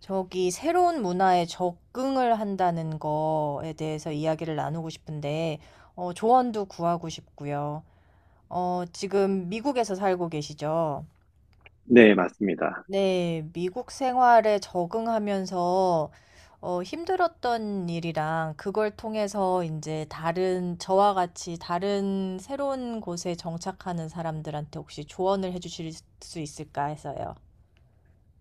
저기 새로운 문화에 적응을 한다는 거에 대해서 이야기를 나누고 싶은데, 조언도 구하고 싶고요. 지금 미국에서 살고 계시죠? 네, 맞습니다. 네, 미국 생활에 적응하면서 힘들었던 일이랑 그걸 통해서 이제 다른, 저와 같이 다른 새로운 곳에 정착하는 사람들한테 혹시 조언을 해주실 수 있을까 해서요.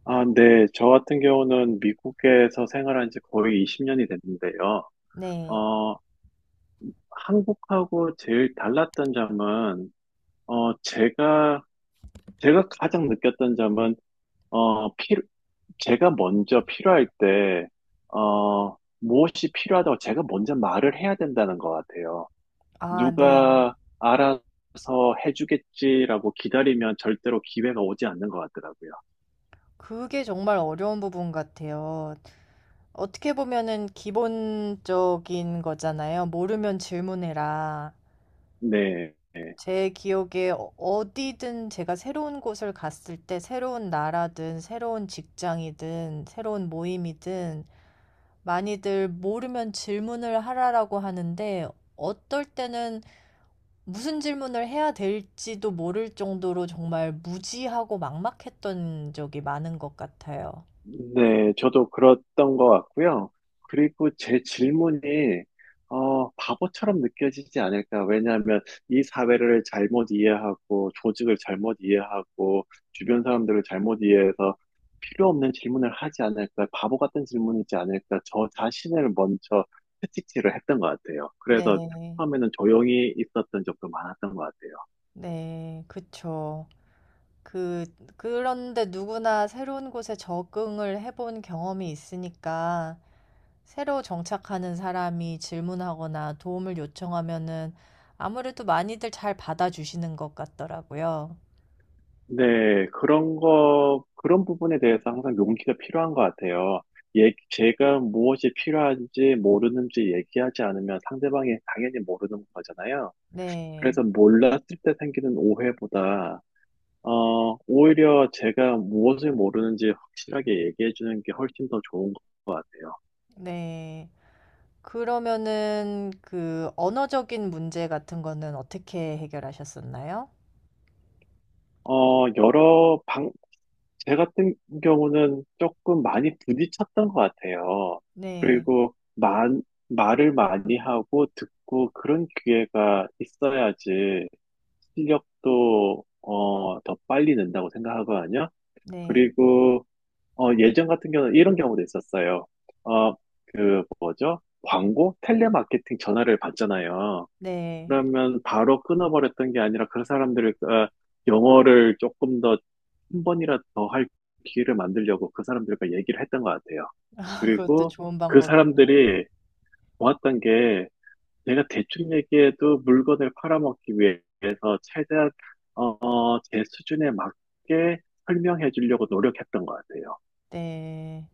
아, 네. 저 같은 경우는 미국에서 생활한 지 거의 20년이 됐는데요. 네. 어, 한국하고 제일 달랐던 점은, 어, 제가, 제가 가장 느꼈던 점은, 어, 피, 제가 먼저 필요할 때, 무엇이 필요하다고 제가 먼저 말을 해야 된다는 것 같아요. 아, 네. 누가 알아서 해주겠지라고 기다리면 절대로 기회가 오지 않는 것 같더라고요. 그게 정말 어려운 부분 같아요. 어떻게 보면은 기본적인 거잖아요. 모르면 질문해라. 네. 제 기억에 어디든 제가 새로운 곳을 갔을 때 새로운 나라든 새로운 직장이든 새로운 모임이든 많이들 모르면 질문을 하라라고 하는데 어떨 때는 무슨 질문을 해야 될지도 모를 정도로 정말 무지하고 막막했던 적이 많은 것 같아요. 네, 저도 그랬던 것 같고요. 그리고 제 질문이, 바보처럼 느껴지지 않을까. 왜냐하면 이 사회를 잘못 이해하고, 조직을 잘못 이해하고, 주변 사람들을 잘못 이해해서 필요 없는 질문을 하지 않을까. 바보 같은 질문이지 않을까. 저 자신을 먼저 채찍질을 했던 것 같아요. 그래서 네, 처음에는 조용히 있었던 적도 많았던 것 같아요. 네, 그쵸. 그 그런데 누구나 새로운 곳에 적응을 해본 경험이 있으니까 새로 정착하는 사람이 질문하거나 도움을 요청하면은 아무래도 많이들 잘 받아주시는 것 같더라고요. 네, 그런 부분에 대해서 항상 용기가 필요한 것 같아요. 예, 제가 무엇이 필요한지 모르는지 얘기하지 않으면 상대방이 당연히 모르는 거잖아요. 네. 그래서 몰랐을 때 생기는 오해보다, 오히려 제가 무엇을 모르는지 확실하게 얘기해 주는 게 훨씬 더 좋은 것 같아요. 네. 그러면은 그 언어적인 문제 같은 거는 어떻게 해결하셨었나요? 어, 여러 방, 제 같은 경우는 조금 많이 부딪혔던 것 같아요. 네. 그리고 만, 말을 많이 하고 듣고 그런 기회가 있어야지 실력도 더 빨리 는다고 생각하거든요. 네. 그리고 예전 같은 경우는 이런 경우도 있었어요. 어, 그 뭐죠? 광고? 텔레마케팅 전화를 받잖아요. 네. 그러면 바로 끊어버렸던 게 아니라 그 사람들을 어, 영어를 조금 더 한 번이라도 더 할 기회를 만들려고 그 사람들과 얘기를 했던 것 같아요. 그것도 그리고 좋은 그 방법이네요. 사람들이 좋았던 게 내가 대충 얘기해도 물건을 팔아먹기 위해서 최대한 제 수준에 맞게 설명해 주려고 노력했던 것 같아요. 네.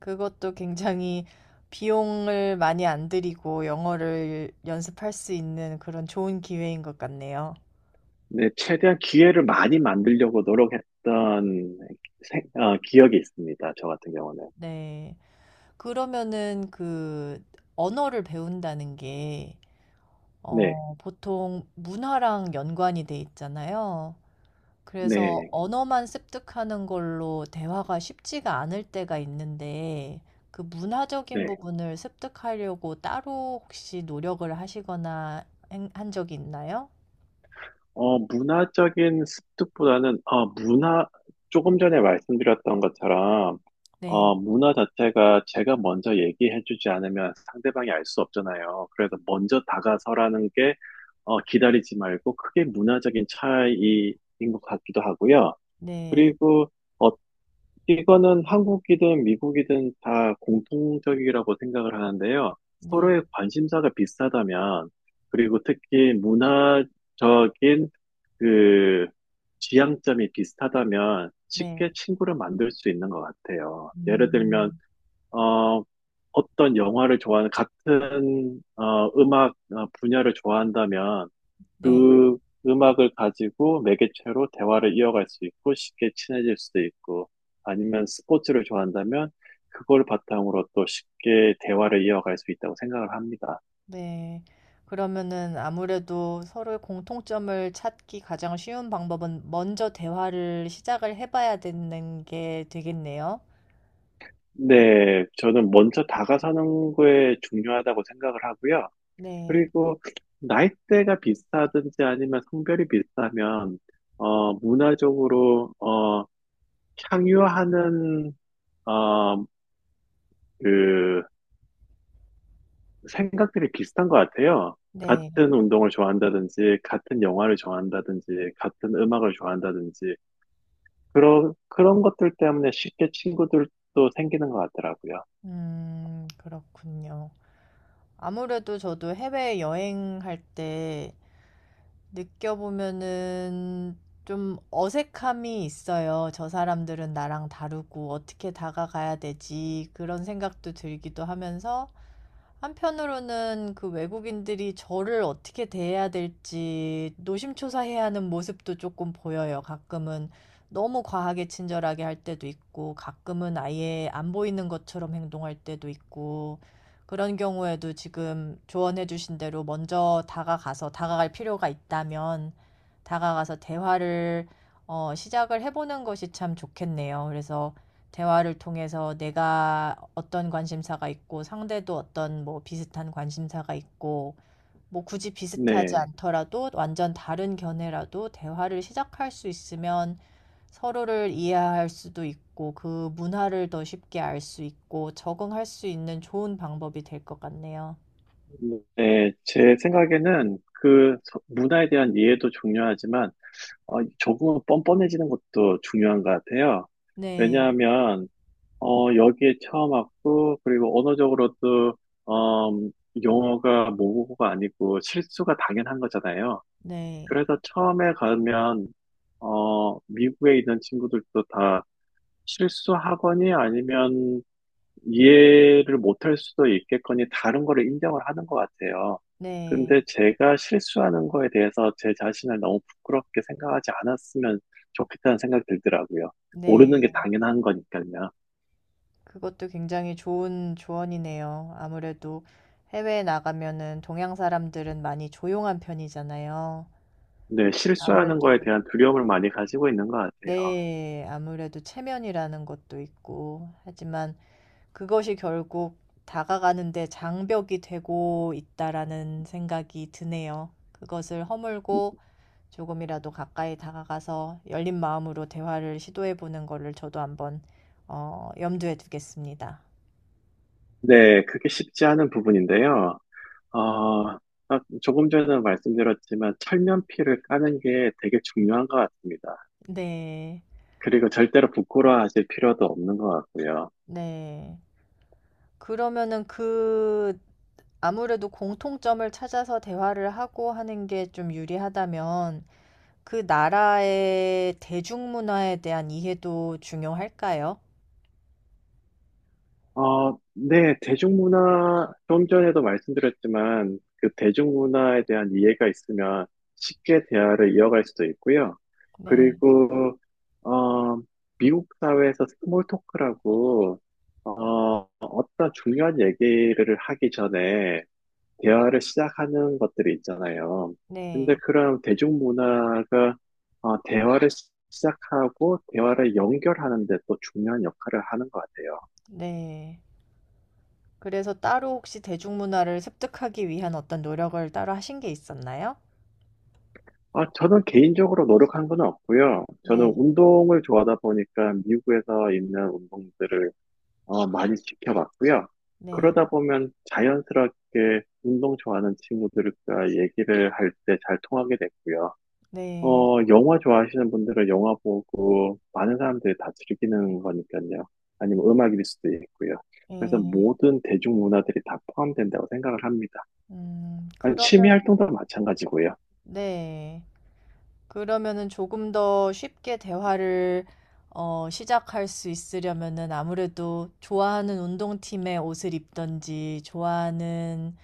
그것도 굉장히 비용을 많이 안 들이고 영어를 연습할 수 있는 그런 좋은 기회인 것 같네요. 네, 최대한 기회를 많이 만들려고 노력했던 기억이 있습니다. 저 같은 경우는. 네. 그러면은 그 언어를 배운다는 게, 네, 보통 문화랑 연관이 돼 있잖아요. 그래서 네, 언어만 습득하는 걸로 대화가 쉽지가 않을 때가 있는데, 그 문화적인 네. 부분을 습득하려고 따로 혹시 노력을 하시거나 한 적이 있나요? 문화적인 습득보다는, 조금 전에 말씀드렸던 것처럼, 네. 문화 자체가 제가 먼저 얘기해주지 않으면 상대방이 알 수 없잖아요. 그래서 먼저 다가서라는 게, 기다리지 말고, 크게 문화적인 차이인 것 같기도 하고요. 네, 그리고, 어, 이거는 한국이든 미국이든 다 공통적이라고 생각을 하는데요. 네, 서로의 관심사가 비슷하다면, 그리고 특히 문화적인 그 지향점이 비슷하다면 쉽게 네, 친구를 만들 수 있는 것 같아요. 예를 들면 음, 어 어떤 영화를 좋아하는 같은 음악 분야를 좋아한다면 네, 그 음악을 가지고 매개체로 대화를 이어갈 수 있고 쉽게 친해질 수도 있고 아니면 스포츠를 좋아한다면 그걸 바탕으로 또 쉽게 대화를 이어갈 수 있다고 생각을 합니다. 네. 그러면은 아무래도 서로의 공통점을 찾기 가장 쉬운 방법은 먼저 대화를 시작을 해봐야 되는 게 되겠네요. 네, 저는 먼저 다가서는 게 중요하다고 생각을 하고요. 네, 그리고 나이대가 비슷하든지 아니면 성별이 비슷하면 문화적으로 향유하는 어그 생각들이 비슷한 것 같아요. 네. 같은 운동을 좋아한다든지 같은 영화를 좋아한다든지 같은 음악을 좋아한다든지 그런 것들 때문에 쉽게 친구들도 생기는 것 같더라고요. 그렇군요. 아무래도 저도 해외 여행할 때 느껴보면은 좀 어색함이 있어요. '저 사람들은 나랑 다르고 어떻게 다가가야 되지?' 그런 생각도 들기도 하면서 한편으로는 그 외국인들이 저를 어떻게 대해야 될지 노심초사해야 하는 모습도 조금 보여요. 가끔은 너무 과하게 친절하게 할 때도 있고 가끔은 아예 안 보이는 것처럼 행동할 때도 있고 그런 경우에도 지금 조언해 주신 대로 먼저 다가가서 다가갈 필요가 있다면 다가가서 대화를 시작을 해 보는 것이 참 좋겠네요. 그래서 대화를 통해서 내가 어떤 관심사가 있고 상대도 어떤 뭐 비슷한 관심사가 있고 뭐 굳이 비슷하지 네. 네. 않더라도 완전 다른 견해라도 대화를 시작할 수 있으면 서로를 이해할 수도 있고 그 문화를 더 쉽게 알 수 있고 적응할 수 있는 좋은 방법이 될 것 같네요. 네, 제 생각에는 문화에 대한 이해도 중요하지만 조금 뻔뻔해지는 것도 중요한 것 같아요. 네. 왜냐하면, 여기에 처음 왔고, 그리고 언어적으로도, 어, 영어가 모국어가 아니고 실수가 당연한 거잖아요. 네. 그래서 처음에 가면, 미국에 있는 친구들도 다 실수하거니 아니면 이해를 못할 수도 있겠거니 다른 거를 인정을 하는 것 같아요. 네. 근데 제가 실수하는 거에 대해서 제 자신을 너무 부끄럽게 생각하지 않았으면 좋겠다는 생각이 들더라고요. 모르는 게 네. 당연한 거니까요. 그것도 굉장히 좋은 조언이네요. 아무래도 해외에 나가면은 동양 사람들은 많이 조용한 편이잖아요. 근데 실수하는 아무래도 거에 대한 두려움을 많이 가지고 있는 것 같아요. 네. 아무래도 체면이라는 것도 있고 하지만 그것이 결국 다가가는데 장벽이 되고 있다라는 생각이 드네요. 그것을 허물고 조금이라도 가까이 다가가서 열린 마음으로 대화를 시도해 보는 거를 저도 한번 염두에 두겠습니다. 네, 그게 쉽지 않은 부분인데요. 어, 아, 조금 전에 말씀드렸지만 철면피를 까는 게 되게 중요한 것 같습니다. 네, 그리고 절대로 부끄러워하실 필요도 없는 것 같고요. 네. 그러면은 그 아무래도 공통점을 찾아서 대화를 하고 하는 게 좀 유리하다면 그 나라의 대중문화에 대한 이해도 중요할까요? 어, 네, 대중문화, 좀 전에도 말씀드렸지만, 그 대중문화에 대한 이해가 있으면 쉽게 대화를 이어갈 수도 있고요. 네, 그리고, 어, 미국 사회에서 스몰 토크라고, 어떤 중요한 얘기를 하기 전에 대화를 시작하는 것들이 있잖아요. 근데 네. 그런 대중문화가, 대화를 시작하고 대화를 연결하는 데 또 중요한 역할을 하는 것 같아요. 네. 그래서 따로 혹시 대중문화를 습득하기 위한 어떤 노력을 따로 하신 게 있었나요? 아, 저는 개인적으로 노력한 건 없고요. 저는 네. 운동을 좋아하다 보니까 미국에서 있는 운동들을 많이 지켜봤고요. 네. 그러다 보면 자연스럽게 운동 좋아하는 친구들과 얘기를 할 때 잘 통하게 됐고요. 네. 영화 좋아하시는 분들은 영화 보고 많은 사람들이 다 즐기는 거니까요. 아니면 음악일 수도 있고요. 그래서 예. 모든 대중문화들이 다 포함된다고 생각을 합니다. 아니, 취미 그러면 활동도 마찬가지고요. 네. 그러면은 조금 더 쉽게 대화를 시작할 수 있으려면은 아무래도 좋아하는 운동팀의 옷을 입던지 좋아하는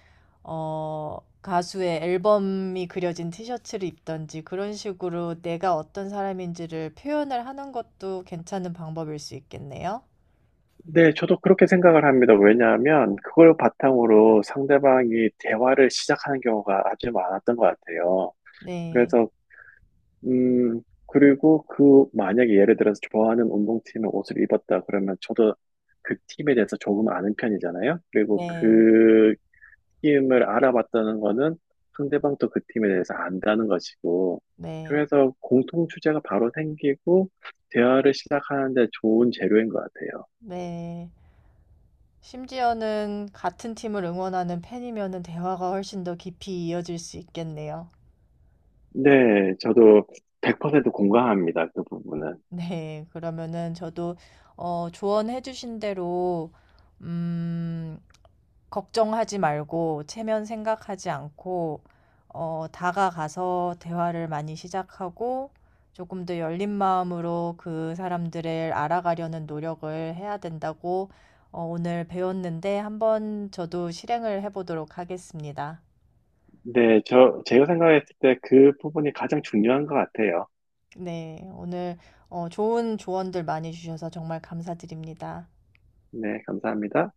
가수의 앨범이 그려진 티셔츠를 입든지 그런 식으로 내가 어떤 사람인지를 표현을 하는 것도 괜찮은 방법일 수 있겠네요. 네, 저도 그렇게 생각을 합니다. 왜냐하면 그걸 바탕으로 상대방이 대화를 시작하는 경우가 아주 많았던 것 같아요. 네. 그래서 음 그리고 그 만약에 예를 들어서 좋아하는 운동팀의 옷을 입었다 그러면 저도 그 팀에 대해서 조금 아는 편이잖아요. 그리고 네. 그 팀을 알아봤다는 거는 상대방도 그 팀에 대해서 안다는 것이고, 네. 그래서 공통 주제가 바로 생기고, 대화를 시작하는데 좋은 재료인 것 같아요. 네. 심지어는 같은 팀을 응원하는 팬이면은 대화가 훨씬 더 깊이 이어질 수 있겠네요. 네, 저도 100% 공감합니다. 그 부분은. 네, 그러면은 저도 조언해 주신 대로 음, 걱정하지 말고 체면 생각하지 않고 다가가서 대화를 많이 시작하고 조금 더 열린 마음으로 그 사람들을 알아가려는 노력을 해야 된다고 오늘 배웠는데 한번 저도 실행을 해 보도록 하겠습니다. 네, 저, 제가 생각했을 때 그 부분이 가장 중요한 것 같아요. 네, 오늘 좋은 조언들 많이 주셔서 정말 감사드립니다. 네, 감사합니다.